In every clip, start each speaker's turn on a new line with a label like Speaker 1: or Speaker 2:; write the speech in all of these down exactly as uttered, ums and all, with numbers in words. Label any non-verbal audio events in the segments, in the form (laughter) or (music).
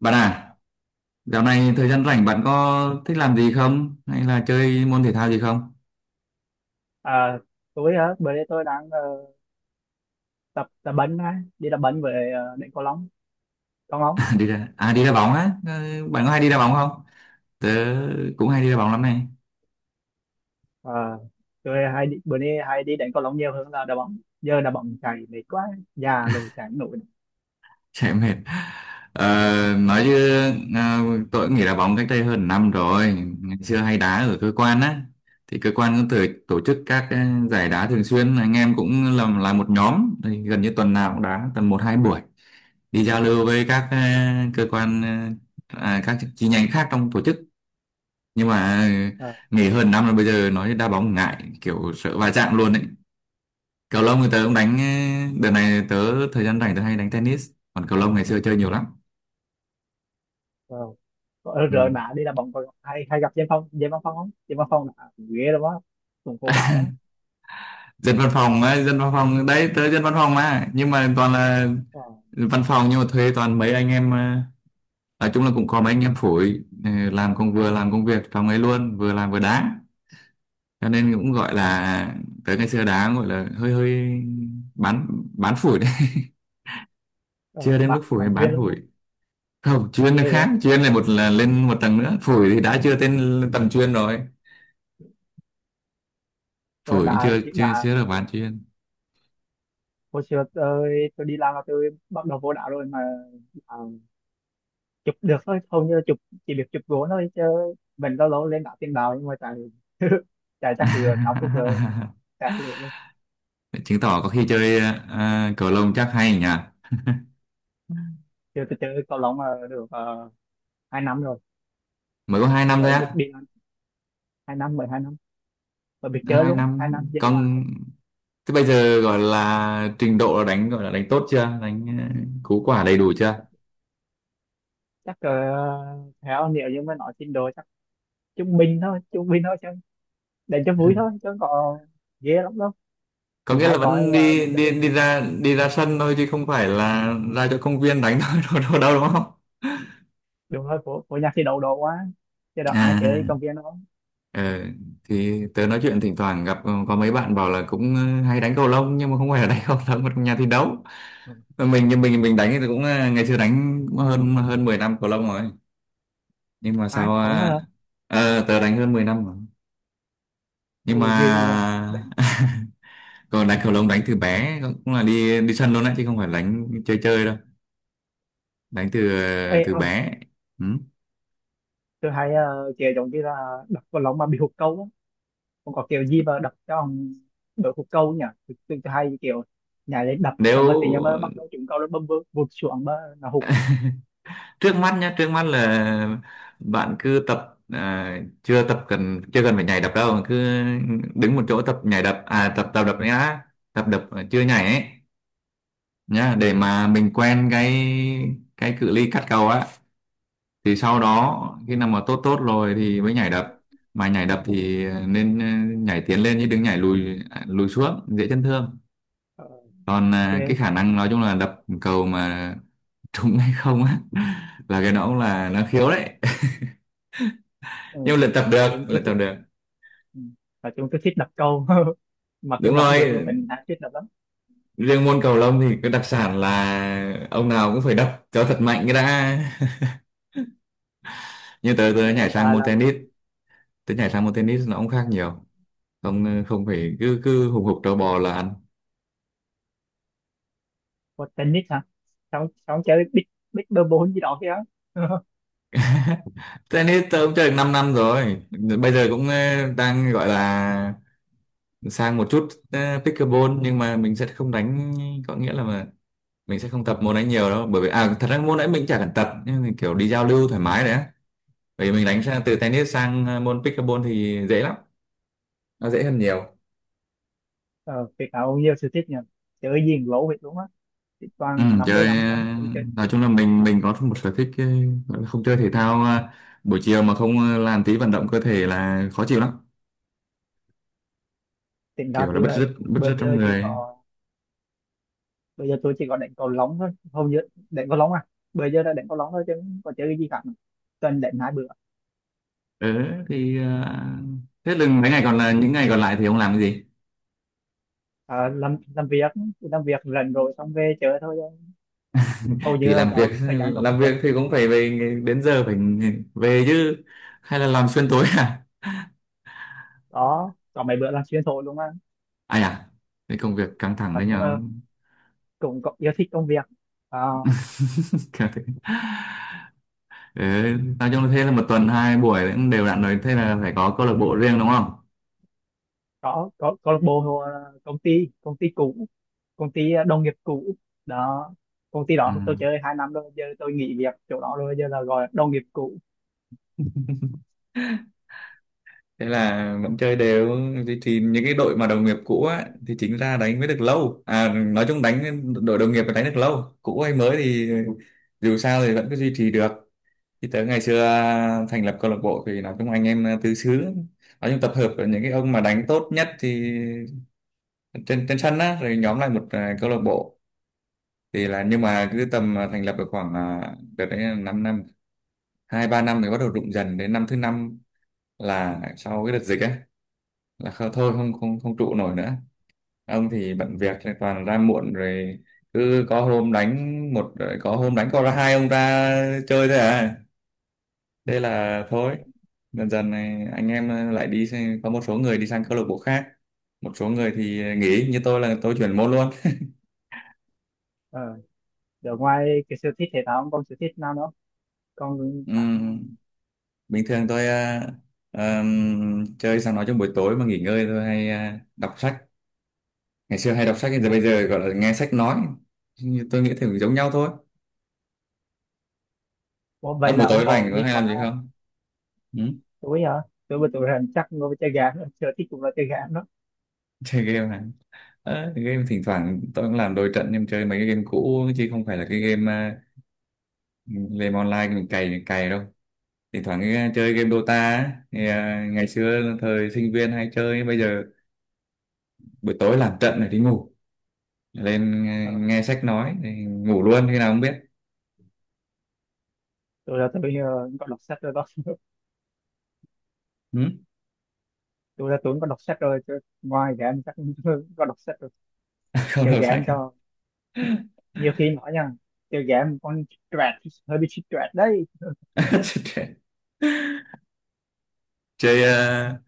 Speaker 1: Bạn à, dạo này thời gian rảnh bạn có thích làm gì không? Hay là chơi môn thể thao gì không? (laughs)
Speaker 2: À, tôi hả? Bữa nay tôi đang ờ, tập tập bánh á, đi tập bánh về ờ, đánh cầu lông, cầu lông.
Speaker 1: À, đi ra, à đi đá bóng á? Ờ, Bạn có hay đi đá bóng không? Tớ cũng hay đi đá bóng lắm này. (laughs)
Speaker 2: À, tôi hay đi, bữa nay hay đi đánh cầu lông nhiều hơn là đá bóng. Giờ đá bóng chạy mệt quá, già rồi chạy không nổi.
Speaker 1: Chạy mệt. Ờ, nói chứ à, tôi cũng nghỉ đá bóng cách đây hơn năm rồi. Ngày xưa hay đá ở cơ quan á. Thì cơ quan cũng tổ, tổ chức các ờ, giải đá thường xuyên. Anh em cũng làm là một nhóm. Thì gần như tuần nào cũng đá tầm một hai buổi. Đi giao lưu với các ờ, cơ quan ờ, à, các chi nhánh khác trong tổ chức, nhưng mà
Speaker 2: À,
Speaker 1: nghỉ hơn năm là bây giờ nói đá bóng ngại kiểu sợ va chạm luôn ấy. Cầu lông thì tớ cũng đánh. Đợt này tớ thời gian rảnh tớ hay đánh tennis, còn cầu lông ngày xưa chơi nhiều lắm.
Speaker 2: wow. Ờ,
Speaker 1: Ừ.
Speaker 2: rồi mà đi đá bóng còn hay hay gặp Diêm Phong, Diêm Văn Phong không? Diêm Văn Phong là ghê lắm á, cũng cô bảo lắm.
Speaker 1: Dân văn phòng ấy, dân văn phòng đấy, tớ dân văn phòng mà, nhưng mà toàn là
Speaker 2: Ờ,
Speaker 1: văn phòng nhưng mà thuê toàn mấy anh em ờ, nói chung là cũng có mấy anh em phủi ờ, làm công, vừa làm công việc trong ấy luôn vừa làm vừa đá, cho nên cũng gọi là tớ ngày xưa đá gọi là hơi hơi bán bán phủi đấy. (laughs)
Speaker 2: ờ,
Speaker 1: Chưa đến mức
Speaker 2: bạn
Speaker 1: phủi,
Speaker 2: bạn chuyên
Speaker 1: bán
Speaker 2: luôn á,
Speaker 1: phủi không chuyên là
Speaker 2: ghê vậy.
Speaker 1: khác, chuyên là một là lên một tầng nữa, phổi thì đã chưa tên tầng chuyên rồi.
Speaker 2: Ờ,
Speaker 1: Phổi cũng
Speaker 2: Đã
Speaker 1: chưa chưa
Speaker 2: đã
Speaker 1: chưa được bán chuyên.
Speaker 2: hồi xưa tôi tôi đi làm là tôi bắt đầu vô đạo rồi, mà chụp được thôi, hầu như là chụp, chỉ biết chụp gỗ thôi chứ mình lâu lâu lên đá tiền đạo nhưng mà chạy (laughs) chạy chắc lừa năm phút là
Speaker 1: (laughs)
Speaker 2: chạy lừa luôn.
Speaker 1: Chứng tỏ có khi chơi uh, cầu lông chắc hay nhỉ.
Speaker 2: Chưa, tôi chơi cầu lông ờ, được ờ, hai năm rồi,
Speaker 1: Mới có hai năm thôi
Speaker 2: mới lúc
Speaker 1: á?
Speaker 2: đi ăn, hai năm, mười hai năm mà biết chơi
Speaker 1: Hai
Speaker 2: luôn,
Speaker 1: năm
Speaker 2: hai năm giờ là
Speaker 1: con, thế bây giờ gọi là trình độ là đánh gọi là đánh tốt chưa, đánh uh, cú quả đầy đủ chưa?
Speaker 2: chắc uh, theo nếu như mà nói trình độ chắc trung bình thôi, trung bình thôi chứ, để cho vui thôi chứ không có ghê lắm đâu.
Speaker 1: Có
Speaker 2: Cũng
Speaker 1: nghĩa
Speaker 2: hay
Speaker 1: là
Speaker 2: coi
Speaker 1: vẫn
Speaker 2: uh,
Speaker 1: đi
Speaker 2: mấy cái
Speaker 1: đi
Speaker 2: clip,
Speaker 1: đi ra đi ra sân thôi chứ không phải là ra cho công viên đánh thôi, (laughs) đâu, đâu, đâu, đúng không?
Speaker 2: đúng rồi, của của nhạc thì đầu độ quá, chứ đâu ai chơi
Speaker 1: À.
Speaker 2: công viên đâu.
Speaker 1: Ờ, thì tớ nói chuyện thỉnh thoảng gặp ờ, có mấy bạn bảo là cũng ờ, hay đánh cầu lông nhưng mà không phải là (laughs) đánh cầu lông mà trong nhà thi đấu.
Speaker 2: Ừ.
Speaker 1: Mà mình, nhưng mình mình đánh thì cũng ờ, ngày xưa đánh cũng hơn hơn mười năm cầu lông rồi, nhưng mà
Speaker 2: Ai
Speaker 1: sao
Speaker 2: ổng
Speaker 1: ờ,
Speaker 2: hả?
Speaker 1: ờ, tớ đánh hơn mười năm rồi nhưng mà.
Speaker 2: Ồ dư nhờ. Để-
Speaker 1: (laughs) Còn đánh cầu lông đánh từ bé cũng cũng là đi đi sân luôn đấy chứ không phải đánh chơi chơi đâu, đánh từ ờ,
Speaker 2: Ê,
Speaker 1: từ
Speaker 2: ờ,
Speaker 1: bé. Ừ.
Speaker 2: tôi thấy ờ, kèo giống như là đập vào lông mà bị hụt câu á, còn có kèo gì mà đập cho ông đội hụt câu nhỉ. Tôi, tôi, tôi hay kiểu nhảy lên đập xong rồi tự
Speaker 1: Nếu
Speaker 2: nhiên mới bắt đầu trúng câu, nó bơm bơm vụt xuống mà nó hụt.
Speaker 1: trước mắt nhá, trước mắt là bạn cứ tập, à, chưa tập cần, chưa cần phải nhảy đập đâu, cứ đứng một chỗ tập nhảy đập, à tập tập đập nhá, tập đập mà chưa nhảy ấy nhá,
Speaker 2: Ừ.
Speaker 1: để mà mình quen cái cái cự ly cắt cầu á, thì sau đó khi nào mà tốt tốt rồi thì mới nhảy đập. Mà nhảy đập thì nên ờ, nhảy tiến lên chứ đừng nhảy lùi, à, lùi xuống dễ chấn thương.
Speaker 2: Ờ,
Speaker 1: Còn à, cái
Speaker 2: ok.
Speaker 1: khả năng nói chung là đập cầu mà trúng hay không á, (laughs) là cái nó cũng là nó khiếu đấy,
Speaker 2: Ừ.
Speaker 1: nhưng mà luyện tập
Speaker 2: Nói
Speaker 1: được
Speaker 2: chung tôi
Speaker 1: luyện tập
Speaker 2: thích.
Speaker 1: được.
Speaker 2: Ừ. Nói chung tôi thích đập câu (laughs) mặc dù
Speaker 1: Đúng
Speaker 2: đập
Speaker 1: rồi,
Speaker 2: được nhưng mình đã thích đập lắm.
Speaker 1: riêng môn cầu lông thì cái đặc sản là ông nào cũng phải đập cho thật mạnh cái đã. (laughs) Như tớ tớ
Speaker 2: Rồi
Speaker 1: nhảy
Speaker 2: hiện
Speaker 1: sang
Speaker 2: tại
Speaker 1: môn
Speaker 2: là
Speaker 1: tennis, tớ nhảy sang môn tennis nó cũng khác
Speaker 2: ừ,
Speaker 1: nhiều, không không phải cứ cứ hùng hục trâu bò là ăn.
Speaker 2: có tennis hả? Xong xong chơi big big bơm bốn gì đó kia. (laughs)
Speaker 1: Tennis tớ cũng chơi được 5 năm rồi, bây giờ cũng ờ, đang gọi là sang một chút ờ, pickleball, nhưng mà mình sẽ không đánh, có nghĩa là mà mình sẽ không tập môn ấy nhiều đâu, bởi vì à thật ra môn ấy mình chả cần tập nhưng mà kiểu đi giao lưu thoải mái đấy. Bởi vì mình đánh sang từ tennis sang ờ, môn pickleball thì dễ lắm, nó dễ hơn nhiều.
Speaker 2: ờ, Việt Nam nhiều sự thích nhỉ, chơi gì cũng lỗ việc luôn á,
Speaker 1: Ừ,
Speaker 2: toàn năm mươi
Speaker 1: chơi
Speaker 2: năm rồi
Speaker 1: ờ,
Speaker 2: tôi chơi.
Speaker 1: nói chung là mình mình có một sở thích ờ, gọi là không chơi thể thao, ờ, buổi chiều mà không ờ, làm tí vận động cơ thể là khó chịu lắm,
Speaker 2: Tính ra
Speaker 1: kiểu là
Speaker 2: tôi
Speaker 1: bứt
Speaker 2: là
Speaker 1: rứt bứt
Speaker 2: bây
Speaker 1: rứt trong
Speaker 2: giờ chỉ
Speaker 1: người.
Speaker 2: có, bây giờ tôi chỉ có đánh cầu lông thôi, hầu như đánh cầu lông à, bây giờ đã đánh cầu lông thôi chứ không có chơi cái gì cả, tuần đánh hai bữa.
Speaker 1: Ừ, thì ờ, thế là mấy ngày còn là những ngày còn lại thì ông làm cái gì?
Speaker 2: À, làm làm việc, làm việc rảnh rồi xong về chơi thôi chứ, hầu
Speaker 1: (laughs)
Speaker 2: như
Speaker 1: Thì
Speaker 2: là
Speaker 1: làm việc,
Speaker 2: cháu
Speaker 1: (laughs)
Speaker 2: thời gian cho công
Speaker 1: làm
Speaker 2: việc.
Speaker 1: việc thì cũng phải về đến giờ phải về chứ, hay là làm xuyên tối à?
Speaker 2: Đó có mấy bữa là xuyên thổi luôn á,
Speaker 1: Ai à? Cái công việc căng thẳng
Speaker 2: và
Speaker 1: đấy
Speaker 2: chúng
Speaker 1: nhở?
Speaker 2: là cũng có yêu thích công việc. À,
Speaker 1: (laughs) Căng thẳng. Thế, nói chung là thế là một tuần hai buổi cũng đều đặn rồi, thế là phải có câu lạc bộ riêng đúng không?
Speaker 2: có có câu lạc bộ hoặc công ty công ty cũ, công ty à, đồng nghiệp cũ đó, công ty
Speaker 1: Ừ.
Speaker 2: đó tôi chơi hai năm rồi, giờ tôi nghỉ việc chỗ đó rồi, giờ là gọi là đồng nghiệp cũ.
Speaker 1: Thế là vẫn chơi đều. Thì, thì những cái đội mà đồng nghiệp cũ á, thì chính ra đánh mới được lâu à, nói chung đánh đội đồng nghiệp mà đánh được lâu cũ hay mới thì dù sao thì vẫn cứ duy trì được. Thì tới ngày xưa thành lập câu lạc bộ thì nói chung anh em tứ xứ, nói chung tập hợp ở những cái ông mà đánh tốt nhất thì trên trên sân á, rồi nhóm lại một, à, câu lạc bộ. Thì là nhưng mà cứ tầm, à, thành lập được khoảng, à, đợt đấy là năm năm hai ba năm thì bắt đầu rụng dần, đến năm thứ năm là sau cái đợt dịch ấy là kh- thôi không không không trụ nổi nữa. Ông thì bận việc thì toàn ra muộn rồi, cứ có hôm đánh một rồi có hôm đánh có ra hai ông ra chơi thôi à, thế là thôi, dần dần này anh em lại đi sang- có một số người đi sang câu lạc bộ khác, một số người thì nghỉ như tôi là tôi chuyển môn luôn.
Speaker 2: Ờ, giờ ngoài cái sở thích thể thao ông còn sở thích nào nữa không? Còn khác nào
Speaker 1: Ừm,
Speaker 2: không?
Speaker 1: bình thường tôi ờ, ờm, chơi sang nói trong buổi tối mà nghỉ ngơi tôi hay ờ, đọc sách, ngày xưa hay đọc sách giờ bây giờ gọi là nghe sách nói. Nhưng tôi nghĩ thì giống nhau thôi.
Speaker 2: Ủa,
Speaker 1: À,
Speaker 2: vậy
Speaker 1: buổi
Speaker 2: là ông
Speaker 1: tối rảnh
Speaker 2: có
Speaker 1: có
Speaker 2: đi
Speaker 1: hay
Speaker 2: qua
Speaker 1: làm gì không ừ?
Speaker 2: túi hả? Tôi mà tôi rằng chắc ngồi với chơi game, sở thích cũng là chơi game đó.
Speaker 1: (laughs) Chơi game này, à, game thỉnh thoảng tôi cũng làm đôi trận nhưng chơi mấy cái game cũ chứ không phải là cái game, à, game online mình cày cày đâu. Thỉnh thoảng cái, ờ, chơi game Dota á, thì, à, ngày xưa thời sinh viên hay chơi, bây giờ buổi tối làm trận rồi đi ngủ, lên à,
Speaker 2: Ờ.
Speaker 1: nghe sách nói thì ngủ luôn khi nào không biết.
Speaker 2: Tôi là tôi ờ, có đọc sách rồi đó. (laughs)
Speaker 1: Ừ?
Speaker 2: Tôi là tôi cũng có đọc sách rồi. Tôi, ngoài game chắc (laughs) tôi có đọc sách rồi.
Speaker 1: (laughs) Không
Speaker 2: Chơi
Speaker 1: đọc sách
Speaker 2: game
Speaker 1: à?
Speaker 2: cho nhiều khi nói nha. Chơi game con stress, hơi bị stress đấy.
Speaker 1: (laughs) Chơi à,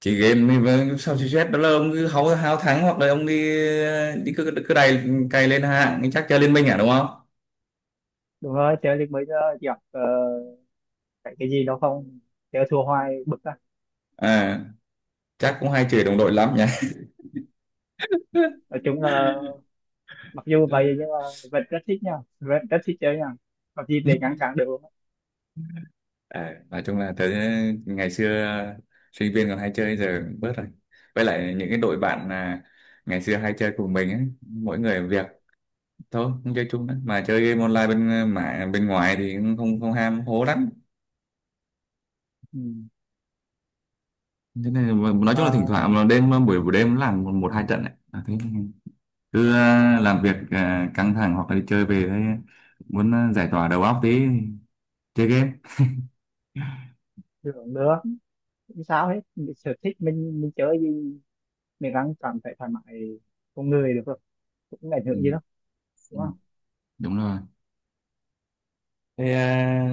Speaker 1: chị game đi với sao chị chết đó là ông cứ háo háo thắng hoặc là ông đi đi cứ cứ đầy, cày lên hạng chắc chơi liên minh à đúng không?
Speaker 2: Đúng rồi, chơi được mấy giờ gặp ờ, phải cái gì đó không? Chơi thua hoài bực á.
Speaker 1: À, chắc cũng hay chửi đồng đội lắm nhỉ.
Speaker 2: Nói chung là mặc dù vậy
Speaker 1: (laughs)
Speaker 2: nhưng mà vẫn rất thích nha, vẫn rất thích chơi nha, có gì để ngăn cản được luôn á.
Speaker 1: À, nói chung là tới ngày xưa sinh viên còn hay chơi giờ cũng bớt rồi, với lại những cái đội bạn, à, ngày xưa hay chơi cùng mình ấy mỗi người một việc, thôi không chơi chung nữa mà chơi game online bên, mà bên ngoài thì cũng không không ham hố lắm.
Speaker 2: Ừ.
Speaker 1: Thế nên là nói chung là thỉnh
Speaker 2: Mà
Speaker 1: thoảng mà đêm buổi buổi đêm làm một, một hai trận ấy. À, thế cứ ờ, làm việc ờ, căng thẳng hoặc là đi chơi về thấy muốn ờ, giải tỏa đầu óc tí chơi game.
Speaker 2: hưởng nữa, không sao hết. Mình sở thích mình mình chơi gì mình đang cảm thấy thoải mái con người được rồi, cũng không ảnh
Speaker 1: Ừ,
Speaker 2: hưởng gì đâu,
Speaker 1: ừ,
Speaker 2: đúng không?
Speaker 1: đúng rồi. Thế à,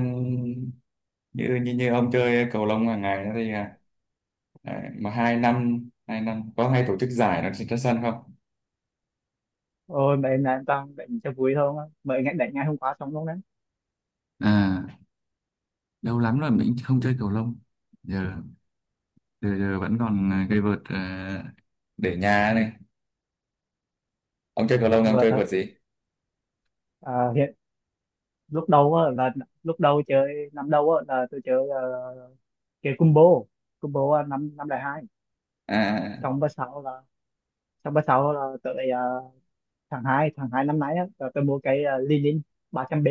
Speaker 1: như, như như ông chơi cầu lông hàng ngày đó thì, à, đấy, mà hai năm, hai năm có hay tổ chức giải nó trên sân không?
Speaker 2: Ôi mà em là em đang đánh cho vui thôi mà, mới ngày đánh ngày hôm qua xong luôn đấy.
Speaker 1: À lâu lắm rồi mình không chơi cầu lông, giờ, giờ, giờ vẫn còn ờ, cây vợt ờ, để nhà này. Ông chơi cầu lông thì ông
Speaker 2: Vừa
Speaker 1: chơi
Speaker 2: thôi.
Speaker 1: vợt gì?
Speaker 2: À, hiện lúc đầu á là, lúc đầu chơi năm đầu á là tôi chơi uh, chơi combo, combo năm năm đại hai,
Speaker 1: À.
Speaker 2: xong bữa sau là, xong bữa sau là tới ờ, tháng hai, tháng hai năm nay á, tớ, tớ mua cái uh, Lilin ba trăm b,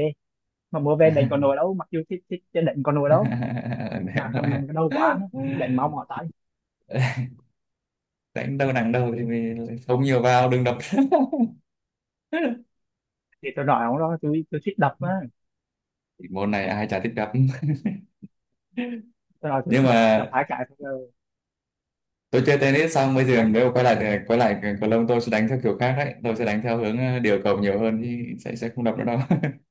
Speaker 2: mà mua về đánh con nồi đâu, mặc dù thích, thích chứ đánh con nồi đâu,
Speaker 1: (laughs) Đéo
Speaker 2: nàng thằng
Speaker 1: nói.
Speaker 2: nàng cái đầu quá á, đánh mau mỏ tay.
Speaker 1: (laughs) Đánh đâu nặng đâu thì mình không nhiều vào đừng đập. (laughs)
Speaker 2: Thì tôi nói ông đó, tôi tôi thích đập á.
Speaker 1: Môn này ai chả thích đập.
Speaker 2: Tôi nói
Speaker 1: (laughs)
Speaker 2: tôi
Speaker 1: Nhưng
Speaker 2: đập, đập
Speaker 1: mà
Speaker 2: hai cái rồi,
Speaker 1: tôi chơi tennis xong bây
Speaker 2: đập
Speaker 1: giờ
Speaker 2: hai cái,
Speaker 1: nếu quay lại thì- quay lại cầu lông tôi sẽ đánh theo kiểu khác đấy, tôi sẽ đánh theo hướng ờ, điều cầu nhiều hơn thì sẽ sẽ không đập nữa đâu. (laughs)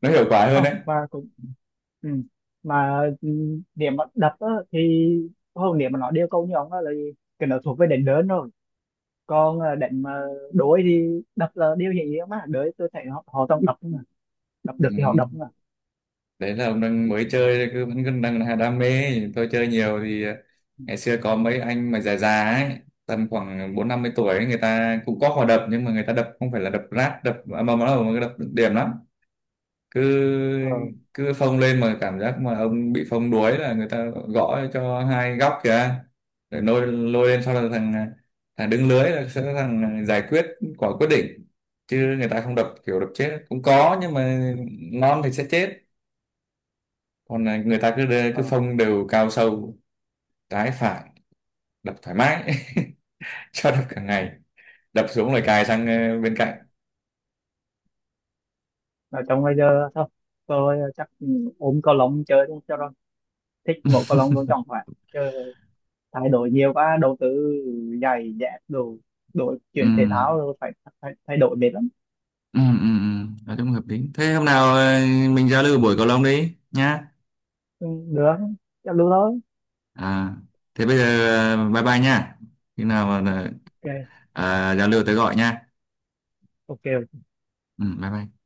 Speaker 1: Nó hiệu quả hơn
Speaker 2: không,
Speaker 1: đấy.
Speaker 2: và cũng ừ. Mà ừ, điểm mà đập á thì không, điểm mà nó điều câu như ông đó là cái nó thuộc về đánh lớn rồi, còn ờ, đánh mà đối thì đập là điều hiển nhiên mà, đối tôi thấy họ, họต้องđập mà, đập được thì họ đập
Speaker 1: Ừ.
Speaker 2: mà.
Speaker 1: Đấy là ông đang mới chơi cứ vẫn cứ đang là đam mê, tôi chơi nhiều thì ờ,
Speaker 2: Ừ,
Speaker 1: ngày xưa có mấy anh mà già già ấy tầm khoảng bốn năm mươi tuổi ấy, người ta cũng có hòa đập nhưng mà người ta đập không phải là đập rát đập, mà mà nó là đập điểm lắm, cứ
Speaker 2: ờ
Speaker 1: cứ phông lên mà cảm giác mà ông bị phông đuối là người ta gõ cho hai góc kìa, rồi lôi lôi lên sau là thằng thằng đứng lưới là sẽ là thằng giải quyết quả quyết định, chứ người ta không đập kiểu đập chết cũng có nhưng mà ngon thì sẽ chết. Còn là người ta cứ đưa- cứ
Speaker 2: ờ.
Speaker 1: phông đều cao sâu trái phải, đập thoải mái, (laughs) cho đập cả ngày, đập xuống rồi cài sang ờ, bên cạnh.
Speaker 2: Ở trong bây giờ thôi tôi ờ, chắc ừ, ôm cầu lông chơi thôi cho rồi, thích một cầu lông luôn chẳng phải chứ, thay đổi nhiều quá, đầu tư giày dép đồ đổi,
Speaker 1: ừ
Speaker 2: chuyển thể thao rồi phải, phải thay đổi mệt lắm.
Speaker 1: ừ ừ, ừ. Nói chung hợp lý, thế hôm nào ờ, mình giao lưu buổi cầu lông đi nhá.
Speaker 2: Ừ, được, chắc luôn thôi.
Speaker 1: À, thế bây giờ, à, bye bye nha. Khi nào mà
Speaker 2: Ok.
Speaker 1: ờ, à, giao lưu tới gọi nha.
Speaker 2: Ok.
Speaker 1: Ừ, bye bye.